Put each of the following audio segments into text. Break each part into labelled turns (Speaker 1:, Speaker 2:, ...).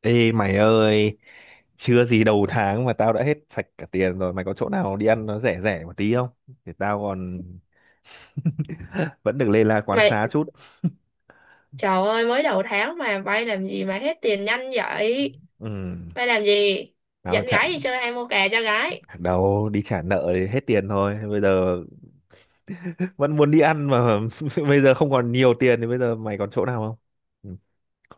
Speaker 1: Ê mày ơi, chưa gì đầu tháng mà tao đã hết sạch cả tiền rồi. Mày có chỗ nào đi ăn nó rẻ rẻ một tí không? Thì tao còn vẫn được lê la quán
Speaker 2: Mày,
Speaker 1: xá chút.
Speaker 2: trời ơi, mới đầu tháng mà bay làm gì mà hết tiền nhanh vậy?
Speaker 1: Ừ,
Speaker 2: Bay làm gì?
Speaker 1: tao mà
Speaker 2: Dẫn
Speaker 1: trả
Speaker 2: gái đi chơi hay mua kè cho gái?
Speaker 1: đâu đi trả nợ thì hết tiền thôi. Bây giờ vẫn muốn đi ăn mà bây giờ không còn nhiều tiền thì bây giờ mày còn chỗ nào không? Ừ,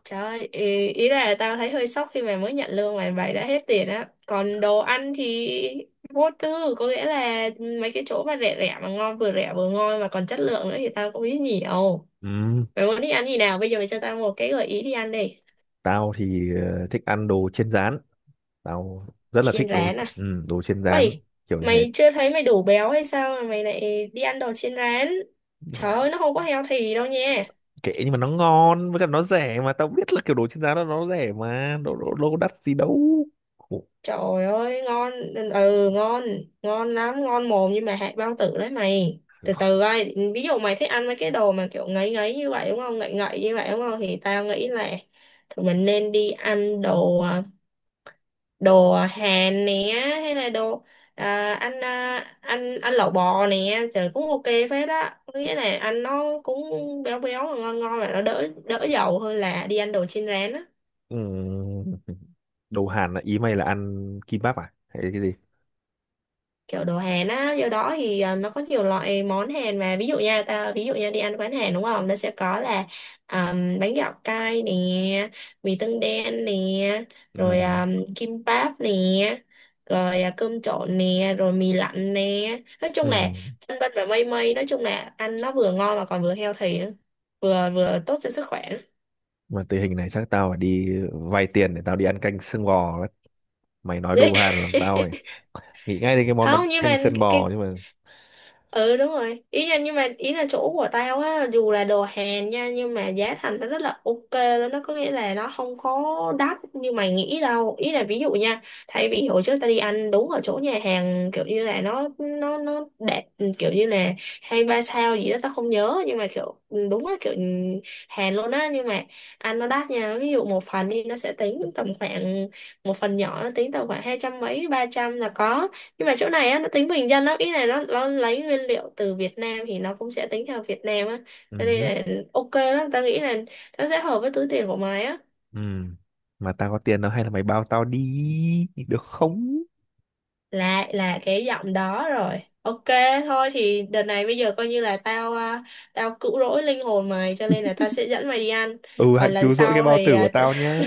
Speaker 2: Trời ơi, ý là tao thấy hơi sốc khi mà mới nhận lương mà mày đã hết tiền á. Còn đồ ăn thì vô tư, có nghĩa là mấy cái chỗ mà rẻ rẻ mà ngon, vừa rẻ vừa ngon mà còn chất lượng nữa thì tao cũng biết nhiều.
Speaker 1: ừ,
Speaker 2: Mày muốn đi ăn gì nào? Bây giờ mày cho tao một cái gợi ý đi ăn đi.
Speaker 1: tao thì thích ăn đồ chiên rán. Tao rất là thích
Speaker 2: Chiên
Speaker 1: đồ
Speaker 2: rán à?
Speaker 1: đồ chiên rán
Speaker 2: Uầy,
Speaker 1: kiểu như thế.
Speaker 2: mày chưa thấy mày đủ béo hay sao mà mày lại đi ăn đồ chiên rán? Trời ơi, nó không có healthy đâu nha.
Speaker 1: Kệ nhưng mà nó ngon với cả nó rẻ mà tao biết là kiểu đồ trên giá nó rẻ mà đồ đồ, đồ đắt gì đâu. Ủa,
Speaker 2: Trời ơi, ngon, ừ, ngon, ngon lắm, ngon mồm nhưng mà hại bao tử đấy mày. Từ từ coi, ví dụ mày thích ăn mấy cái đồ mà kiểu ngấy ngấy như vậy đúng không, ngậy ngậy như vậy đúng không, thì tao nghĩ là tụi mình nên đi ăn đồ đồ Hàn nè, hay là đồ anh à, anh anh lẩu bò nè, trời cũng ok phết á. Có nghĩa là ăn nó cũng béo béo ngon ngon và nó đỡ đỡ dầu hơn là đi ăn đồ chiên rán á,
Speaker 1: ừm, đồ Hàn là ý mày là ăn kimbap à hay cái gì?
Speaker 2: kiểu đồ Hàn á. Do đó thì nó có nhiều loại món Hàn mà, ví dụ nha, ta ví dụ nha, đi ăn quán Hàn đúng không, nó sẽ có là à, bánh gạo cay nè, mì tương đen nè, rồi
Speaker 1: Ừ.
Speaker 2: kim báp nè, rồi cơm trộn nè, rồi mì lạnh nè. Nói
Speaker 1: Ừ,
Speaker 2: chung là vân vân và mây mây, nói chung là ăn nó vừa ngon mà còn vừa healthy nữa, vừa vừa tốt cho sức khỏe.
Speaker 1: mà tình hình này chắc tao phải đi vay tiền để tao đi ăn canh xương bò đấy. Mày nói đồ Hàn làm tao phải nghĩ ngay đến cái món bánh
Speaker 2: Không nhưng
Speaker 1: canh
Speaker 2: mà
Speaker 1: xương bò
Speaker 2: cái
Speaker 1: nhưng mà
Speaker 2: ừ đúng rồi, ý là nhưng mà ý là chỗ của tao á, dù là đồ Hàn nha, nhưng mà giá thành nó rất là ok luôn. Nó có nghĩa là nó không có đắt như mày nghĩ đâu. Ý là ví dụ nha, thay vì hồi trước tao đi ăn đúng ở chỗ nhà hàng kiểu như là nó đẹp, kiểu như là 2-3 sao gì đó tao không nhớ, nhưng mà kiểu đúng là kiểu Hàn luôn á, nhưng mà ăn nó đắt nha. Ví dụ một phần đi, nó sẽ tính tầm khoảng một phần nhỏ nó tính tầm khoảng 200 mấy 300 là có. Nhưng mà chỗ này á nó tính bình dân lắm, ý này nó lấy nguyên liệu từ Việt Nam thì nó cũng sẽ tính theo Việt Nam á. Cho
Speaker 1: ừ.
Speaker 2: nên
Speaker 1: Hứ,
Speaker 2: là ok lắm, ta nghĩ là nó sẽ hợp với túi tiền của mày á.
Speaker 1: ừ, mà tao có tiền đâu, hay là mày bao tao đi được không?
Speaker 2: Là cái giọng đó rồi, ok. Thôi thì đợt này bây giờ coi như là tao tao cứu rỗi linh hồn mày, cho nên là tao sẽ dẫn mày đi ăn.
Speaker 1: Ừ, hãy
Speaker 2: Còn lần
Speaker 1: cứu rỗi cái
Speaker 2: sau
Speaker 1: bao
Speaker 2: thì
Speaker 1: tử của tao nhá.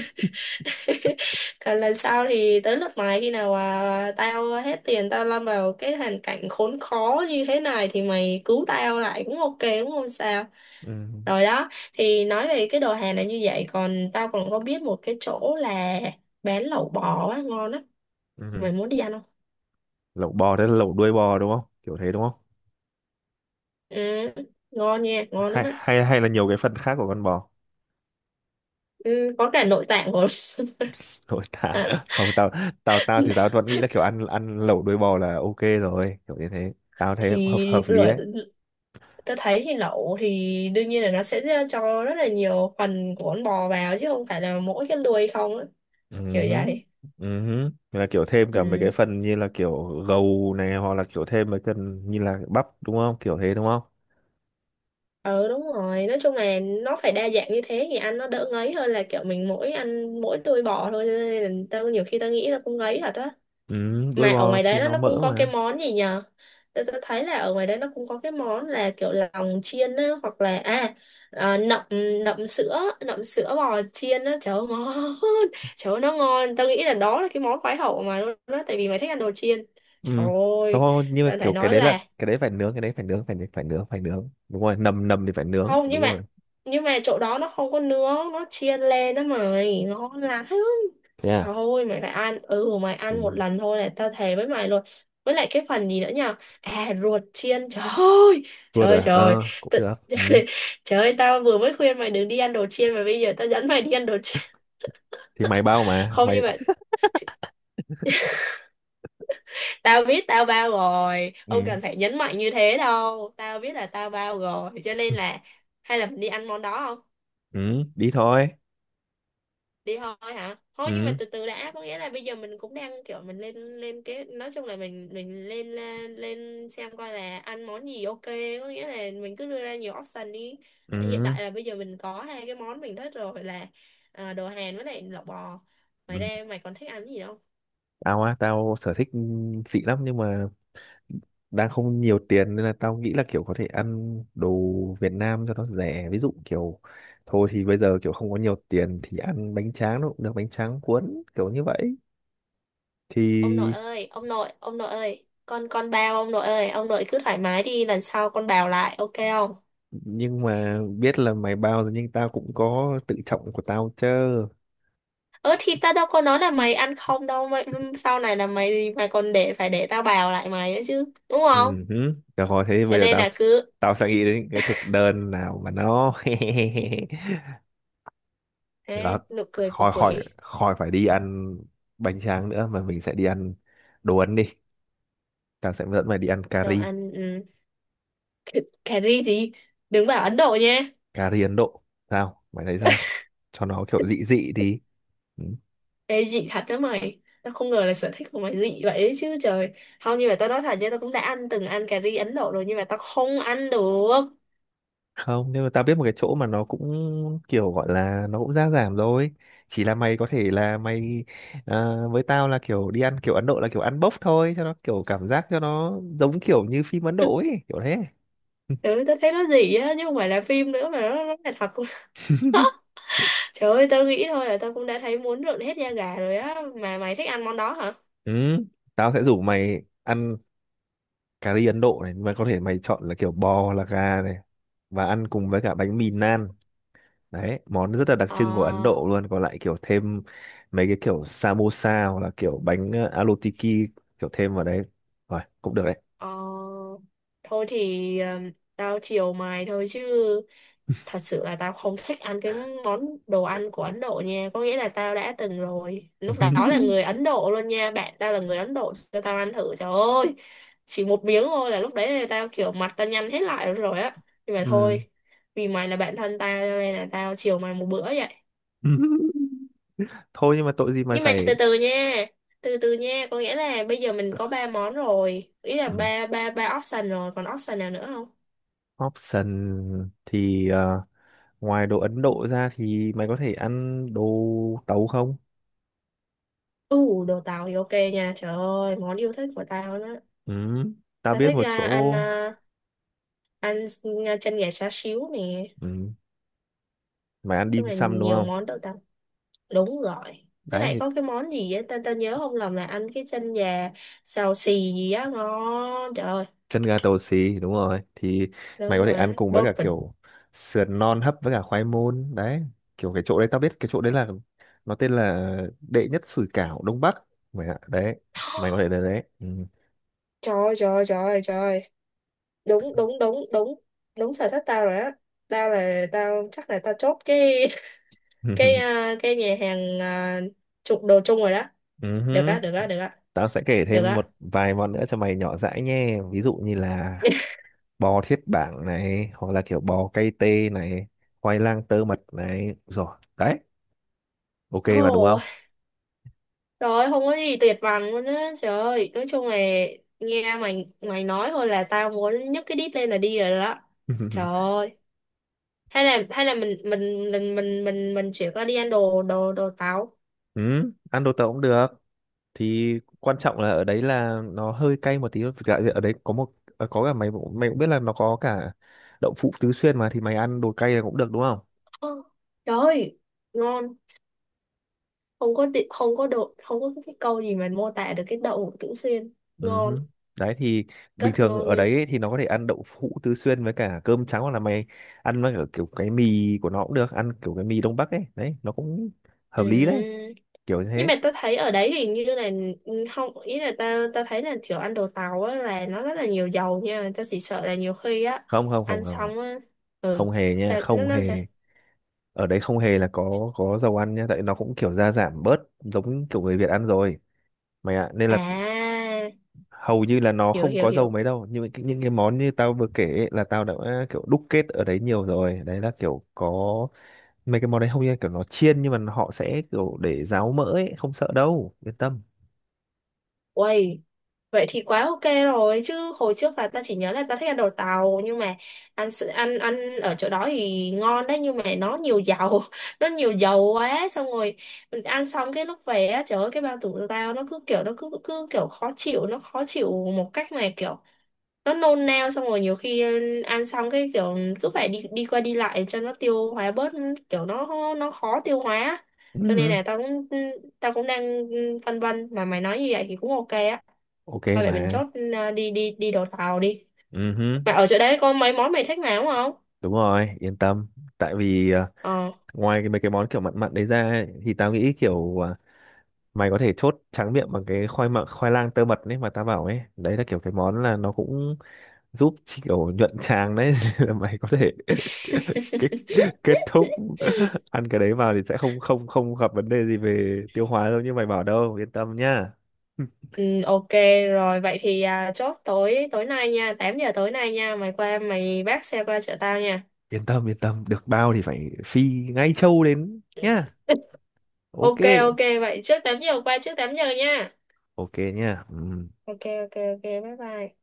Speaker 2: còn lần sau thì tới lượt mày, khi nào tao hết tiền, tao lâm vào cái hoàn cảnh khốn khó như thế này thì mày cứu tao lại cũng ok, đúng không sao?
Speaker 1: Ừ.
Speaker 2: Rồi đó, thì nói về cái đồ hàng này như vậy, còn tao còn có biết một cái chỗ là bán lẩu bò á, ngon á.
Speaker 1: Ừ.
Speaker 2: Mày muốn đi ăn không?
Speaker 1: Lẩu bò đấy là lẩu đuôi bò đúng không, kiểu thế đúng không?
Speaker 2: Ừ, ngon nha, ngon lắm
Speaker 1: hay
Speaker 2: á.
Speaker 1: hay hay là nhiều cái phần khác của con bò?
Speaker 2: Ừ, có cả nội tạng rồi.
Speaker 1: Thôi tao không, tao tao tao thì tao vẫn nghĩ là kiểu ăn ăn lẩu đuôi bò là ok rồi, kiểu như thế tao thấy hợp
Speaker 2: Thì
Speaker 1: hợp lý
Speaker 2: lười.
Speaker 1: đấy.
Speaker 2: Tôi thấy thì lẩu thì đương nhiên là nó sẽ cho rất là nhiều phần của con bò vào chứ không phải là mỗi cái đuôi không á. Kiểu
Speaker 1: Ừ.
Speaker 2: vậy.
Speaker 1: Ừ. Là kiểu thêm cả mấy cái
Speaker 2: Ừ.
Speaker 1: phần như là kiểu gầu này, hoặc là kiểu thêm mấy phần như là bắp đúng không, kiểu thế đúng không?
Speaker 2: Ừ đúng rồi, nói chung là nó phải đa dạng như thế thì ăn nó đỡ ngấy hơn là kiểu mình mỗi ăn mỗi đuôi bò thôi. Cho nên là tao nhiều khi tao nghĩ là cũng ngấy thật á.
Speaker 1: Ừ, đuôi
Speaker 2: Mà ở
Speaker 1: bò
Speaker 2: ngoài
Speaker 1: thì
Speaker 2: đấy nó
Speaker 1: nó
Speaker 2: nó cũng
Speaker 1: mỡ
Speaker 2: có cái
Speaker 1: mà.
Speaker 2: món gì nhờ. Tôi thấy là ở ngoài đấy nó cũng có cái món là kiểu lòng chiên á, hoặc là à nậm, nậm sữa, nậm sữa bò chiên á, trời ơi ngon. Trời ơi nó ngon, tao nghĩ là đó là cái món khoái khẩu mà luôn đó, tại vì mày thích ăn đồ chiên. Trời
Speaker 1: Ừ, không
Speaker 2: ơi,
Speaker 1: không, nhưng mà
Speaker 2: tao phải
Speaker 1: kiểu cái
Speaker 2: nói
Speaker 1: đấy
Speaker 2: là
Speaker 1: là cái đấy phải nướng cái đấy phải nướng đúng rồi, nầm nầm thì phải nướng
Speaker 2: không nhưng
Speaker 1: đúng
Speaker 2: mà,
Speaker 1: rồi.
Speaker 2: nhưng mà chỗ đó nó không có nướng, nó chiên lên đó mày, ngon lắm.
Speaker 1: Thế
Speaker 2: Trời
Speaker 1: à?
Speaker 2: ơi mày lại ăn. Ừ mày
Speaker 1: Ừ.
Speaker 2: ăn một lần thôi này, tao thề với mày luôn. Với lại cái phần gì nữa nhỉ? À ruột chiên. Trời ơi, trời
Speaker 1: Rút
Speaker 2: ơi,
Speaker 1: à?
Speaker 2: trời
Speaker 1: Ờ, cũng
Speaker 2: tự...
Speaker 1: được. Ừ.
Speaker 2: Trời ơi tao vừa mới khuyên mày đừng đi ăn đồ chiên, mà bây giờ tao dẫn mày đi ăn đồ chiên.
Speaker 1: Thì mày bao mà.
Speaker 2: Không nhưng
Speaker 1: Mày...
Speaker 2: mà tao biết tao bao rồi,
Speaker 1: Ừ.
Speaker 2: không cần phải nhấn mạnh như thế đâu. Tao biết là tao bao rồi, cho nên là hay là mình đi ăn món đó không?
Speaker 1: Ừ, đi thôi.
Speaker 2: Đi thôi hả? Thôi nhưng mà
Speaker 1: Ừ.
Speaker 2: từ từ đã, có nghĩa là bây giờ mình cũng đang kiểu mình lên lên. Nói chung là mình lên lên lên xem coi là ăn món gì ok, có nghĩa là mình cứ đưa ra nhiều option đi. Hiện
Speaker 1: Ừ.
Speaker 2: tại là bây giờ mình có hai cái món mình thích rồi là đồ Hàn với lại lẩu bò.
Speaker 1: Ừ.
Speaker 2: Mày ra mày còn thích ăn gì không?
Speaker 1: Tao á, tao sở thích xịn lắm nhưng mà đang không nhiều tiền nên là tao nghĩ là kiểu có thể ăn đồ Việt Nam cho nó rẻ. Ví dụ kiểu thôi thì bây giờ kiểu không có nhiều tiền thì ăn bánh tráng nó cũng được, bánh tráng cuốn kiểu như vậy.
Speaker 2: Ông nội
Speaker 1: Thì
Speaker 2: ơi, ông nội, ông nội ơi, con bao ông nội ơi, ông nội cứ thoải mái đi, lần sau con bào lại ok không?
Speaker 1: nhưng mà biết là mày bao rồi nhưng tao cũng có tự trọng của tao chứ.
Speaker 2: Ơ thì tao đâu có nói là mày ăn không đâu mày. Sau này là mày mày còn để phải để tao bào lại mày nữa chứ, đúng không?
Speaker 1: Ừ, hứ. Được rồi thế
Speaker 2: Cho
Speaker 1: bây giờ
Speaker 2: nên
Speaker 1: tao
Speaker 2: là cứ
Speaker 1: tao sẽ nghĩ đến cái thực đơn nào mà nó được,
Speaker 2: nụ cười của
Speaker 1: khỏi khỏi
Speaker 2: quỷ.
Speaker 1: khỏi phải đi ăn bánh tráng nữa mà mình sẽ đi ăn đồ Ấn đi. Tao sẽ dẫn mày đi ăn cà
Speaker 2: Đồ
Speaker 1: ri,
Speaker 2: ăn ừ. cà, Cà ri gì? Đừng bảo Ấn Độ nha.
Speaker 1: cà ri Ấn Độ, sao mày thấy sao, cho nó kiểu dị dị đi.
Speaker 2: Ê dị thật đó mày, tao không ngờ là sở thích của mày dị vậy đấy chứ trời. Không nhưng mà tao nói thật nha, tao cũng đã ăn ăn cà ri Ấn Độ rồi, nhưng mà tao không ăn được.
Speaker 1: Không nhưng mà tao biết một cái chỗ mà nó cũng kiểu gọi là nó cũng giá giảm rồi, chỉ là mày có thể là mày với tao là kiểu đi ăn kiểu Ấn Độ là kiểu ăn bốc thôi cho nó kiểu cảm giác cho nó giống kiểu như phim Ấn Độ ấy kiểu thế.
Speaker 2: Ừ, tao thấy nó dị á, chứ không phải là phim nữa mà nó là thật. Trời ơi, tao nghĩ thôi là tao cũng đã thấy muốn rợn hết da gà rồi á, mà mày thích ăn món đó hả?
Speaker 1: Ừ, tao sẽ rủ mày ăn cà ri Ấn Độ này mà có thể mày chọn là kiểu bò hoặc là gà này, và ăn cùng với cả bánh mì naan đấy, món rất là đặc trưng của Ấn
Speaker 2: Ờ,
Speaker 1: Độ luôn. Còn lại kiểu thêm mấy cái kiểu samosa hoặc là kiểu bánh alu tiki kiểu thêm vào đấy rồi cũng được đấy.
Speaker 2: ờ, thôi thì tao chiều mày thôi chứ, thật sự là tao không thích ăn cái món đồ ăn của Ấn Độ nha. Có nghĩa là tao đã từng rồi, lúc đó là người Ấn Độ luôn nha, bạn tao là người Ấn Độ cho tao ăn thử, trời ơi, chỉ một miếng thôi là lúc đấy là tao kiểu mặt tao nhăn hết lại rồi á. Nhưng mà
Speaker 1: Ừ.
Speaker 2: thôi, vì mày là bạn thân tao, cho nên là tao chiều mày một bữa vậy.
Speaker 1: Thôi nhưng mà tội gì mày
Speaker 2: Nhưng mà từ
Speaker 1: phải.
Speaker 2: từ nha, từ từ nha, có nghĩa là bây giờ mình có ba món rồi, ý là
Speaker 1: Ừ,
Speaker 2: ba ba ba option rồi, còn option nào nữa không?
Speaker 1: option thì ngoài đồ Ấn Độ ra thì mày có thể ăn đồ tàu không?
Speaker 2: Ừ, đồ tàu thì ok nha, trời ơi món yêu thích của tao đó.
Speaker 1: Ừ. Tao
Speaker 2: Tao
Speaker 1: biết
Speaker 2: thích
Speaker 1: một chỗ.
Speaker 2: ăn ăn chân gà xá xíu nè, nói
Speaker 1: Ừ. Mày ăn
Speaker 2: chung
Speaker 1: dim
Speaker 2: là
Speaker 1: sum đúng
Speaker 2: nhiều
Speaker 1: không?
Speaker 2: món đồ tàu, đúng rồi. Thế
Speaker 1: Đấy
Speaker 2: này
Speaker 1: thì
Speaker 2: có cái món gì á, tao tao nhớ không lầm là ăn cái chân gà xào xì gì á ngon, trời ơi.
Speaker 1: chân gà tàu xì đúng rồi, thì
Speaker 2: Đúng
Speaker 1: mày có thể ăn
Speaker 2: rồi,
Speaker 1: cùng với cả
Speaker 2: perfect.
Speaker 1: kiểu sườn non hấp với cả khoai môn đấy. Kiểu cái chỗ đấy, tao biết cái chỗ đấy là nó tên là đệ nhất sủi cảo Đông Bắc mày ạ. Đấy, mày có thể đến đấy.
Speaker 2: Trời ơi, trời ơi, trời ơi, trời ơi. Đúng đúng đúng đúng, đúng sở thích tao rồi á. Tao là tao chắc là tao chốt cái
Speaker 1: Ừ.
Speaker 2: cái cái nhà hàng chụp đồ chung rồi đó.
Speaker 1: Ừ
Speaker 2: Được
Speaker 1: hứ,
Speaker 2: á, được á, được á,
Speaker 1: tao sẽ kể
Speaker 2: được
Speaker 1: thêm
Speaker 2: á.
Speaker 1: một vài món nữa cho mày nhỏ dãi nhé. Ví dụ như là bò thiết bảng này, hoặc là kiểu bò cay tê này, khoai lang tơ mật này. Rồi, đấy, ok mà đúng
Speaker 2: Ồ,
Speaker 1: không?
Speaker 2: trời ơi, không có gì tuyệt vời luôn á trời ơi. Nói chung là nghe mày mày nói thôi là tao muốn nhấc cái đít lên là đi rồi đó. Trời ơi, hay là mình chuyển qua đi ăn đồ đồ đồ táo.
Speaker 1: Ừ, ăn đồ tàu cũng được. Thì quan trọng là ở đấy là nó hơi cay một tí. Thực ra ở đấy có một có cả mày cũng biết là nó có cả đậu phụ tứ xuyên mà, thì mày ăn đồ cay là cũng được đúng không?
Speaker 2: Ờ, trời ơi ngon, không có đị- không có độ không có cái câu gì mà mô tả được cái đậu hũ Tửu Xuyên,
Speaker 1: Ừ. Hứ.
Speaker 2: ngon,
Speaker 1: Đấy thì bình
Speaker 2: rất
Speaker 1: thường
Speaker 2: ngon
Speaker 1: ở
Speaker 2: nha.
Speaker 1: đấy ấy thì nó có thể ăn đậu hũ tứ xuyên với cả cơm trắng, hoặc là mày ăn với cả kiểu cái mì của nó cũng được, ăn kiểu cái mì Đông Bắc ấy, đấy nó cũng hợp lý đấy,
Speaker 2: Ừ.
Speaker 1: kiểu như
Speaker 2: Nhưng
Speaker 1: thế.
Speaker 2: mà tao thấy ở đấy thì như là ừ, không, ý là tao tao thấy là kiểu ăn đồ tàu á là nó rất là nhiều dầu nha, tao chỉ sợ là nhiều khi á
Speaker 1: không không không
Speaker 2: ăn
Speaker 1: không không
Speaker 2: xong á, ừ,
Speaker 1: không hề nha,
Speaker 2: sao nó
Speaker 1: không
Speaker 2: làm sao.
Speaker 1: hề. Ở đấy không hề là có dầu ăn nha, tại nó cũng kiểu gia giảm bớt giống kiểu người Việt ăn rồi mày ạ, nên là
Speaker 2: À,
Speaker 1: hầu như là nó
Speaker 2: hiểu
Speaker 1: không
Speaker 2: hiểu
Speaker 1: có dầu
Speaker 2: hiểu.
Speaker 1: mấy đâu. Nhưng những cái món như tao vừa kể ấy, là tao đã kiểu đúc kết ở đấy nhiều rồi, đấy là kiểu có mấy cái món đấy hầu như là kiểu nó chiên nhưng mà họ sẽ kiểu để ráo mỡ ấy, không sợ đâu, yên tâm.
Speaker 2: Uầy, vậy thì quá ok rồi chứ, hồi trước là ta chỉ nhớ là ta thích ăn đồ tàu nhưng mà ăn s- ăn ăn ở chỗ đó thì ngon đấy, nhưng mà nó nhiều dầu. Nó nhiều dầu quá, xong rồi mình ăn xong cái lúc về á, trời ơi cái bao tử của tao nó cứ kiểu nó cứ cứ kiểu khó chịu, nó khó chịu một cách mà kiểu nó nôn nao, xong rồi nhiều khi ăn xong cái kiểu cứ phải đi đi qua đi lại cho nó tiêu hóa bớt, kiểu nó khó tiêu hóa á. Cho nên
Speaker 1: Ừ.
Speaker 2: là tao cũng đang phân vân, mà mày nói như vậy thì cũng ok á.
Speaker 1: Ok
Speaker 2: Thôi vậy mình
Speaker 1: mà.
Speaker 2: chốt, ừ, đi đi đi đồ tàu đi,
Speaker 1: Ừ,
Speaker 2: mà ở chỗ đấy có mấy món mày thích mà đúng không?
Speaker 1: đúng rồi yên tâm. Tại vì
Speaker 2: Ờ.
Speaker 1: ngoài cái mấy cái món kiểu mặn mặn đấy ra ấy, thì tao nghĩ kiểu mày có thể chốt tráng miệng bằng cái khoai mặn khoai lang tơ mật đấy mà tao bảo ấy, đấy là kiểu cái món là nó cũng giúp chỉ kiểu nhuận tràng đấy. Là mày có thể kết, kết thúc ăn cái đấy vào thì sẽ không, không gặp vấn đề gì về tiêu hóa đâu như mày bảo đâu, yên tâm nhá.
Speaker 2: Ừ, ok. Rồi vậy thì chốt tối tối nay nha, 8 giờ tối nay nha, mày qua mày vác xe qua chợ tao nha.
Speaker 1: Yên tâm yên tâm, được bao thì phải phi ngay châu đến nhá. Ok.
Speaker 2: Ok ok vậy trước 8 giờ qua, trước 8 giờ nha.
Speaker 1: Ok nhá. Ừ.
Speaker 2: Ok ok ok bye bye.